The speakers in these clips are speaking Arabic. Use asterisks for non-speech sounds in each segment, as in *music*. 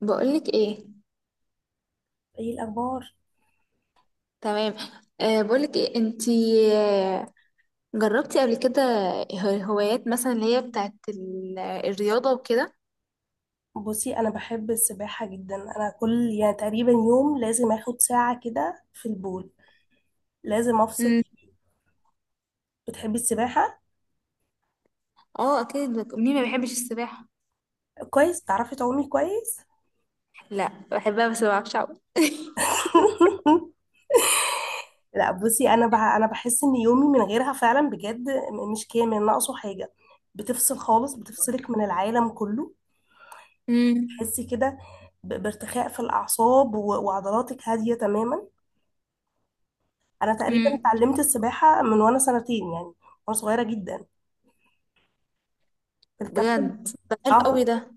بقولك ايه؟ ايه الاخبار؟ تمام. أه، بقولك ايه انتي؟ آه. جربتي قبل كده؟ هوايات مثلا اللي هي بتاعت الرياضة وكده. بصي، انا بحب السباحه جدا. انا كل يعني تقريبا يوم لازم اخد ساعه كده في البول، لازم افصل امم. فيه. بتحبي السباحه؟ اه اكيد، مين ما بيحبش السباحة؟ كويس، بتعرفي تعومي كويس؟ لا، بحبها بس ما بعرفش اعوم. *laughs* لا بصي، انا انا بحس ان يومي من غيرها فعلا بجد مش كامل، ناقصه حاجه. بتفصل خالص، بتفصلك من العالم كله. امم. تحسي كده؟ بارتخاء في الاعصاب وعضلاتك هاديه تماما. انا تقريبا امم. اتعلمت السباحه من وانا سنتين يعني، وانا صغيره جدا. الكابتن، بجد، ده حلو قوي اه، ده.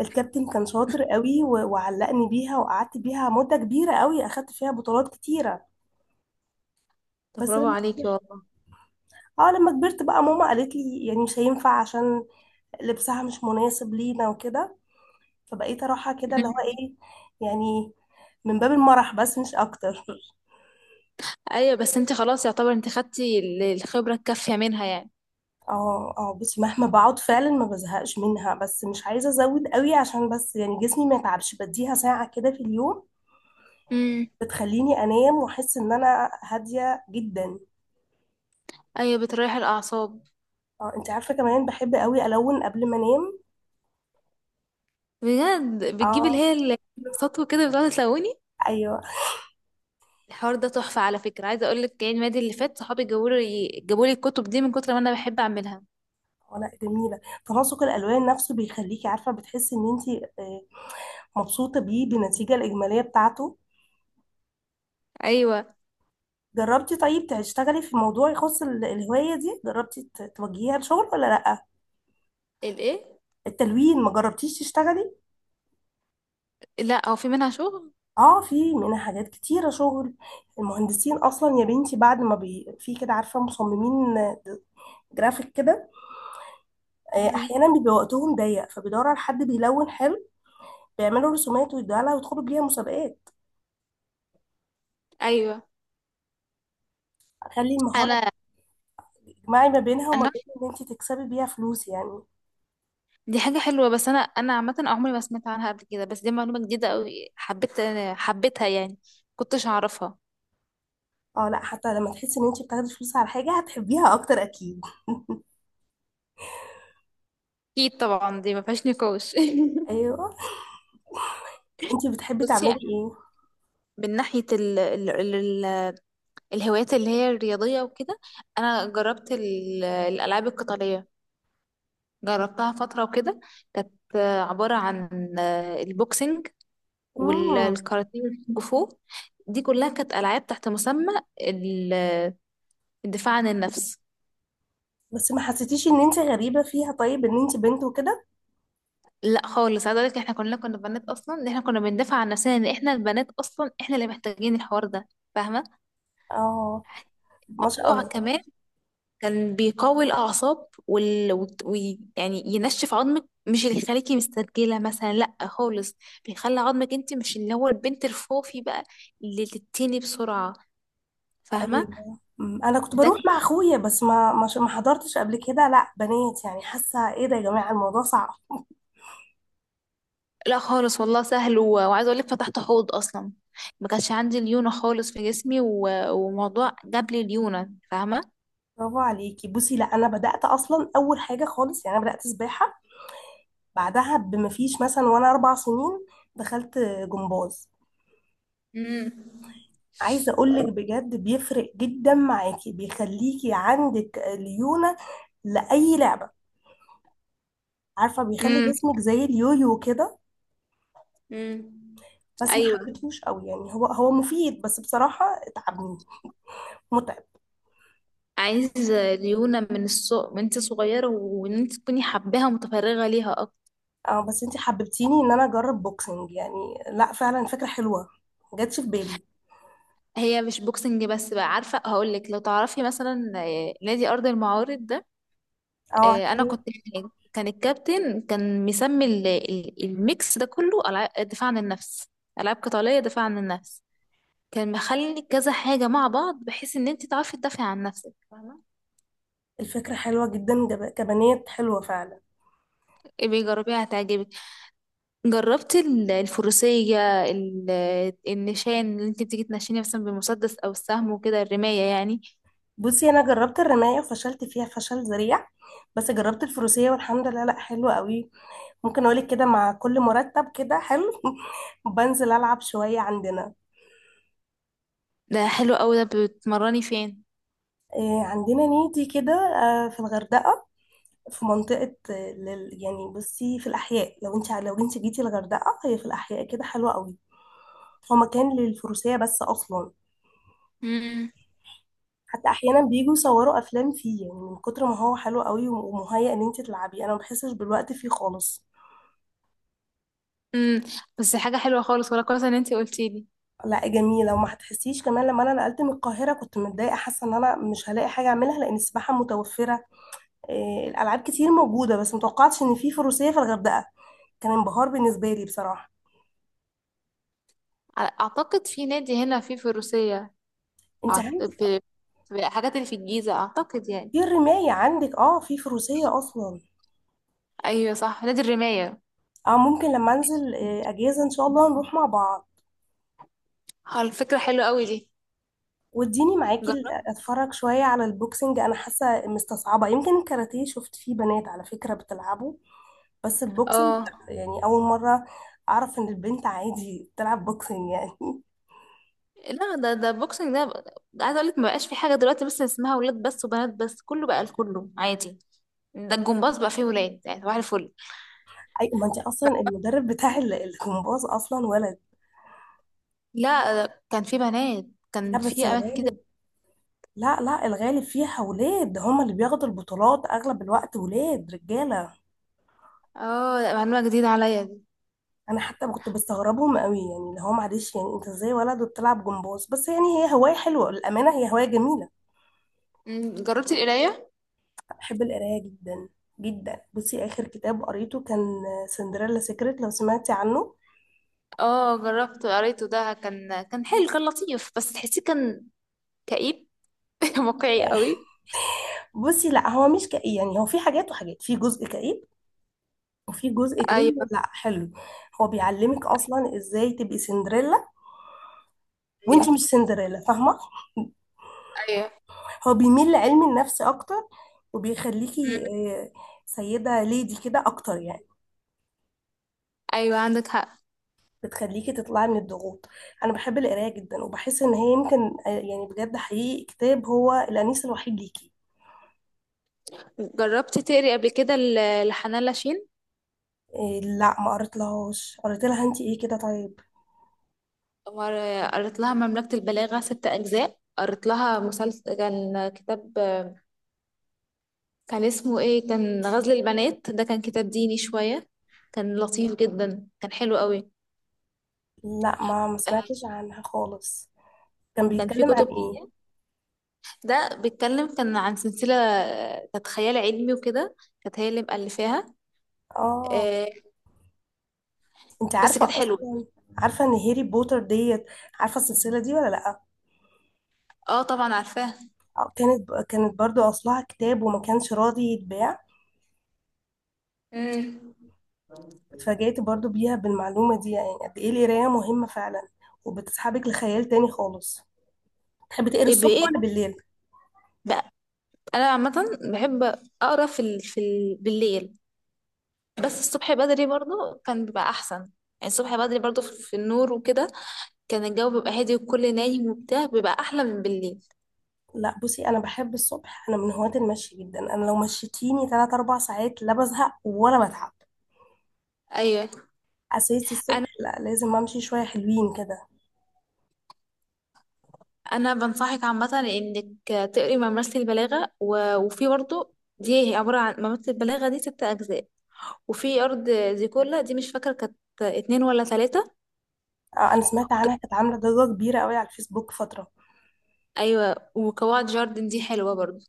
الكابتن كان شاطر قوي وعلقني بيها، وقعدت بيها مدة كبيرة قوي، اخدت فيها بطولات كتيرة. طب بس برافو لما عليكي كبرت، والله. اه لما كبرت بقى ماما قالت لي يعني مش هينفع، عشان لبسها مش مناسب لينا وكده. فبقيت اروحها كده اللي هو مم. ايه، يعني من باب المرح بس مش اكتر. *laughs* ايوه، بس انتي خلاص يعتبر انتي خدتي الخبرة الكافية منها يعني. اه اه، بصي مهما بقعد فعلا ما بزهقش منها، بس مش عايزة ازود قوي عشان بس يعني جسمي ما يتعبش. بديها ساعة كده في اليوم، امم. بتخليني انام واحس ان انا هادية جدا. ايوه، بتريح الاعصاب. اه، انت عارفه، كمان بحب قوي الون قبل ما انام. بجد، بتجيبي اللي اه. هي السطو كده، بتقعد تلوني؟ ايوه. الحوار ده تحفة. على فكرة، عايزة اقول لك يعني المادة اللي فات صحابي جابوا لي الكتب دي من كتر ما انا بحب اعملها. آه، لا جميله. تناسق الالوان نفسه بيخليكي عارفه بتحسي ان انت آه، مبسوطه بيه، بالنتيجه الاجماليه بتاعته. ايوه. جربتي طيب تشتغلي في موضوع يخص الهوايه دي؟ جربتي توجهيها لشغل ولا لا؟ الايه؟ التلوين، ما جربتيش تشتغلي؟ لا، هو في منها شغل. اه، في منها حاجات كتيره شغل. المهندسين اصلا يا بنتي بعد ما بي... في كده، عارفه، مصممين آه، جرافيك كده، آه، مم. احيانا بيبقى وقتهم ضيق فبيدوروا على حد بيلون حلو، بيعملوا رسومات ويدوها لها ويدخلوا بيها مسابقات. ايوه، خلي المهارة انا تجمعي ما بينها وما انا بين ان انت تكسبي بيها فلوس يعني. دي حاجة حلوة. بس انا عامة عمري ما سمعت عنها قبل كده، بس دي معلومة جديدة قوي، حبيتها يعني، كنتش اعرفها. اه، لا حتى لما تحسي ان انت بتاخدي فلوس على حاجة هتحبيها اكتر اكيد. اكيد طبعا، دي ما فيهاش نقاش. ايوه. انت *laughs* بتحبي بصي، تعملي انا ايه؟ من ناحيه ال ال ال الهوايات اللي هي الرياضيه وكده. انا جربت الالعاب القتاليه، جربتها فترة وكده. كانت عبارة عن البوكسنج مم. والكاراتيه والكونغ فو. دي كلها كانت ألعاب تحت مسمى ال- الدفاع عن النفس. بس ما حسيتيش ان انت غريبة فيها؟ طيب ان انت بنت وكده؟ لا خالص، عايزة اقولك احنا كلنا كنا بنات. اصلا ان احنا كنا بندافع عن نفسنا، ان احنا البنات اصلا احنا اللي محتاجين الحوار ده. فاهمة؟ اه، ما شاء الموضوع الله. كمان كان بيقوي الأعصاب يعني ينشف عظمك، مش اللي يخليكي مسترجلة مثلا، لأ خالص. بيخلي عظمك انت، مش اللي هو البنت الفوفي بقى، اللي تتني بسرعة. فاهمة؟ ايوه. مم. انا كنت ده بروح كان... مع اخويا، بس ما ما حضرتش قبل كده لا بنات، يعني حاسة ايه ده يا جماعة، الموضوع صعب. لأ خالص والله، سهل، وعايزة أقولك فتحت حوض أصلا. ما كانش عندي ليونة خالص في جسمي، وموضوع جاب لي ليونة، فاهمة؟ برافو عليكي. بصي لا، انا بدأت اصلا اول حاجة خالص يعني، انا بدأت سباحة، بعدها بمفيش مثلا وانا اربع سنين دخلت جمباز. امم. عايزه اقولك بجد بيفرق جدا معاكي، بيخليكي عندك ليونه لاي لعبه. عارفه، بيخلي امم. جسمك زي اليويو كده. امم. بس ما أيوة. حبيتهوش قوي يعني. هو مفيد بس بصراحه اتعبني، متعب. عايز ليونة من السوق، من انت صغيرة وان انت تكوني حباها متفرغة ليها. اه بس انتي حببتيني ان انا اجرب بوكسنج يعني. لا فعلا فكره حلوه، ما جاتش في بالي. هي مش بوكسنج بس بقى، عارفة هقول لك، لو تعرفي مثلا نادي أرض المعارض ده. اه، أنا عارفه. كنت هناك، كان الكابتن كان مسمي الميكس ده كله، دفاع عن النفس، ألعاب قتالية، دفاع عن النفس. كان مخلي كذا حاجة مع بعض بحيث إن أنت تعرفي تدافعي عن نفسك، فاهمة؟ الفكره حلوه جدا، كبنات حلوه فعلا. إيه، بيجربيها هتعجبك. جربت الفروسية، النشان اللي أنت بتيجي تنشيني مثلا بالمسدس أو السهم وكده، الرماية يعني. بصي انا جربت الرمايه وفشلت فيها فشل ذريع، بس جربت الفروسيه، والحمد لله لا حلوه قوي. ممكن اقولك كده، مع كل مرتب كده حلو *laughs* بنزل العب شويه عندنا. ده حلو أوي ده، بتمرني فين؟ آه، عندنا نيتي كده، آه، في الغردقه. في منطقه آه، يعني بصي في الاحياء، لو انت لو انت جيتي الغردقه، هي في الاحياء كده، حلوه قوي. هو مكان للفروسيه بس اصلا. حتى احيانا بيجوا يصوروا افلام فيه يعني من كتر ما هو حلو قوي، ومهيئ ان انت تلعبي. انا ما بحسش بالوقت فيه خالص. امم. بس حاجه حلوه خالص، ولا كويس ان انت قلتي لي. لا جميلة، وما هتحسيش كمان. لما انا نقلت من القاهرة كنت متضايقة، حاسة ان انا مش هلاقي حاجة اعملها، لان السباحة متوفرة، إيه، الالعاب كتير موجودة، بس متوقعتش ان في فروسية في الغردقة. كان انبهار بالنسبة لي بصراحة. اعتقد في نادي هنا في الروسيه. انت أعت- عندك في في الحاجات اللي في الجيزه اعتقد يعني. في الرماية، عندك اه في فروسية اصلا. ايوه صح، نادي الرمايه. اه ممكن لما انزل إيه، اجازة ان شاء الله نروح مع بعض. اه، الفكره حلوه قوي دي. واديني معاكي جربت. اتفرج شوية على البوكسنج. انا حاسة مستصعبة، يمكن الكاراتيه شفت فيه بنات على فكرة بتلعبه، بس البوكسنج اه لا يعني اول مره اعرف ان البنت عادي تلعب بوكسنج يعني. *laughs* لا، ده بوكسنج ده. ده عايزه اقول لك، ما بقاش في حاجه دلوقتي بس اسمها ولاد بس وبنات بس، كله بقى لكله عادي. ده الجمباز بقى فيه ولاد، يعني صباح الفل. اي ما انت اصلا المدرب بتاع الجمباز اصلا ولد. لا، ده كان فيه بنات، لا كان بس فيه اماكن كده. الغالب، لا لا الغالب فيها ولاد، هما اللي بياخدوا البطولات اغلب الوقت، ولاد رجاله. اه لا، معلومه جديده عليا دي. انا حتى كنت بستغربهم قوي، يعني اللي هو معلش يعني انت ازاي ولد وبتلعب جمباز؟ بس يعني هي هوايه حلوه، الامانه هي هوايه جميله. جربتي القرايه؟ بحب القرايه جدا، جدا. بصي اخر كتاب قريته كان سندريلا سيكريت، لو سمعتي عنه. اه، جربته قريته، ده كان حلو، كان لطيف، بس تحسيه كان كئيب. *laughs* واقعي آه، قوي. بصي لا هو مش كئيب يعني، هو في حاجات وحاجات، في جزء كئيب، وفي جزء تاني ايوه، لا حلو. هو بيعلمك اصلا ازاي تبقي سندريلا، ايوه، وانتي مش سندريلا، فاهمه؟ ايوه. هو بيميل لعلم النفس اكتر، مم. وبيخليكي آه، سيده ليدي كده اكتر يعني. ايوه، عندك حق. بتخليكي تطلعي من الضغوط. انا بحب القرايه جدا، وبحس ان هي يمكن آه، يعني بجد حقيقي، كتاب هو الانيس الوحيد ليكي. جربت تقري قبل كده لحنان لاشين؟ آه، لا ما قريتلهاش. قريت لها انتي ايه كده طيب؟ قريت لها مملكة البلاغة ست أجزاء، قريت لها مسلسل كان كتاب. كان اسمه ايه؟ كان غزل البنات، ده كان كتاب ديني شوية، كان لطيف جدا، كان حلو قوي. لا ما سمعتش عنها خالص. كان كان في بيتكلم عن كتب، ايه؟ ده بيتكلم كان عن سلسلة، كانت خيال علمي وكده، كانت هي اللي مؤلفاها. اه، آه، انت بس كانت عارفه حلوة. اصلا، عارفه ان هاري بوتر ديت؟ عارفه السلسله دي ولا لا؟ اه طبعا، عارفاها. آه، كانت برضو اصلها كتاب وما كانش راضي يتباع. امم. اتفاجأت برضو بيها بالمعلومه دي، يعني قد ايه القرايه مهمه فعلا، وبتسحبك لخيال تاني خالص. تحبي تقري ايه الصبح بايه ولا بالليل؟ بقى؟ انا عامة بحب اقرا بالليل. بس الصبح بدري برضو كان بيبقى احسن يعني. الصبح بدري برضو في النور وكده، كان الجو بيبقى هادي والكل نايم وبتاع، بيبقى احلى من بالليل. لا بصي، انا بحب الصبح. انا من هواة المشي جدا، انا لو مشيتيني 3 4 ساعات لا بزهق ولا بتعب. ايوه. اساسي انا الصبح لا، لازم امشي شويه حلوين كده. انا بنصحك عامه انك تقري ممارسه البلاغه، وفي برضه دي عباره عن ممارسه البلاغه دي ست اجزاء. وفي ارض زيكولا دي، مش فاكره كانت اتنين ولا تلاتة. آه، انا سمعت عنها، كانت عامله ضجه كبيره قوي على الفيسبوك فتره. ايوه، وقواعد جاردن دي حلوه برضو.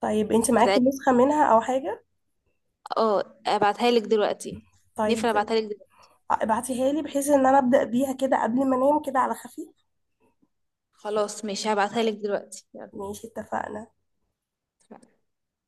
طيب انت معاكي هتعجب. نسخة منها او حاجة؟ اه، ابعتها لك دلوقتي. طيب نفر زي، ابعتها لك دلوقتي. ابعتيها لي بحيث ان انا ابدأ بيها كده قبل ما انام كده على خفيف. خلاص ماشي، هبعتها لك دلوقتي، يلا. ماشي، اتفقنا.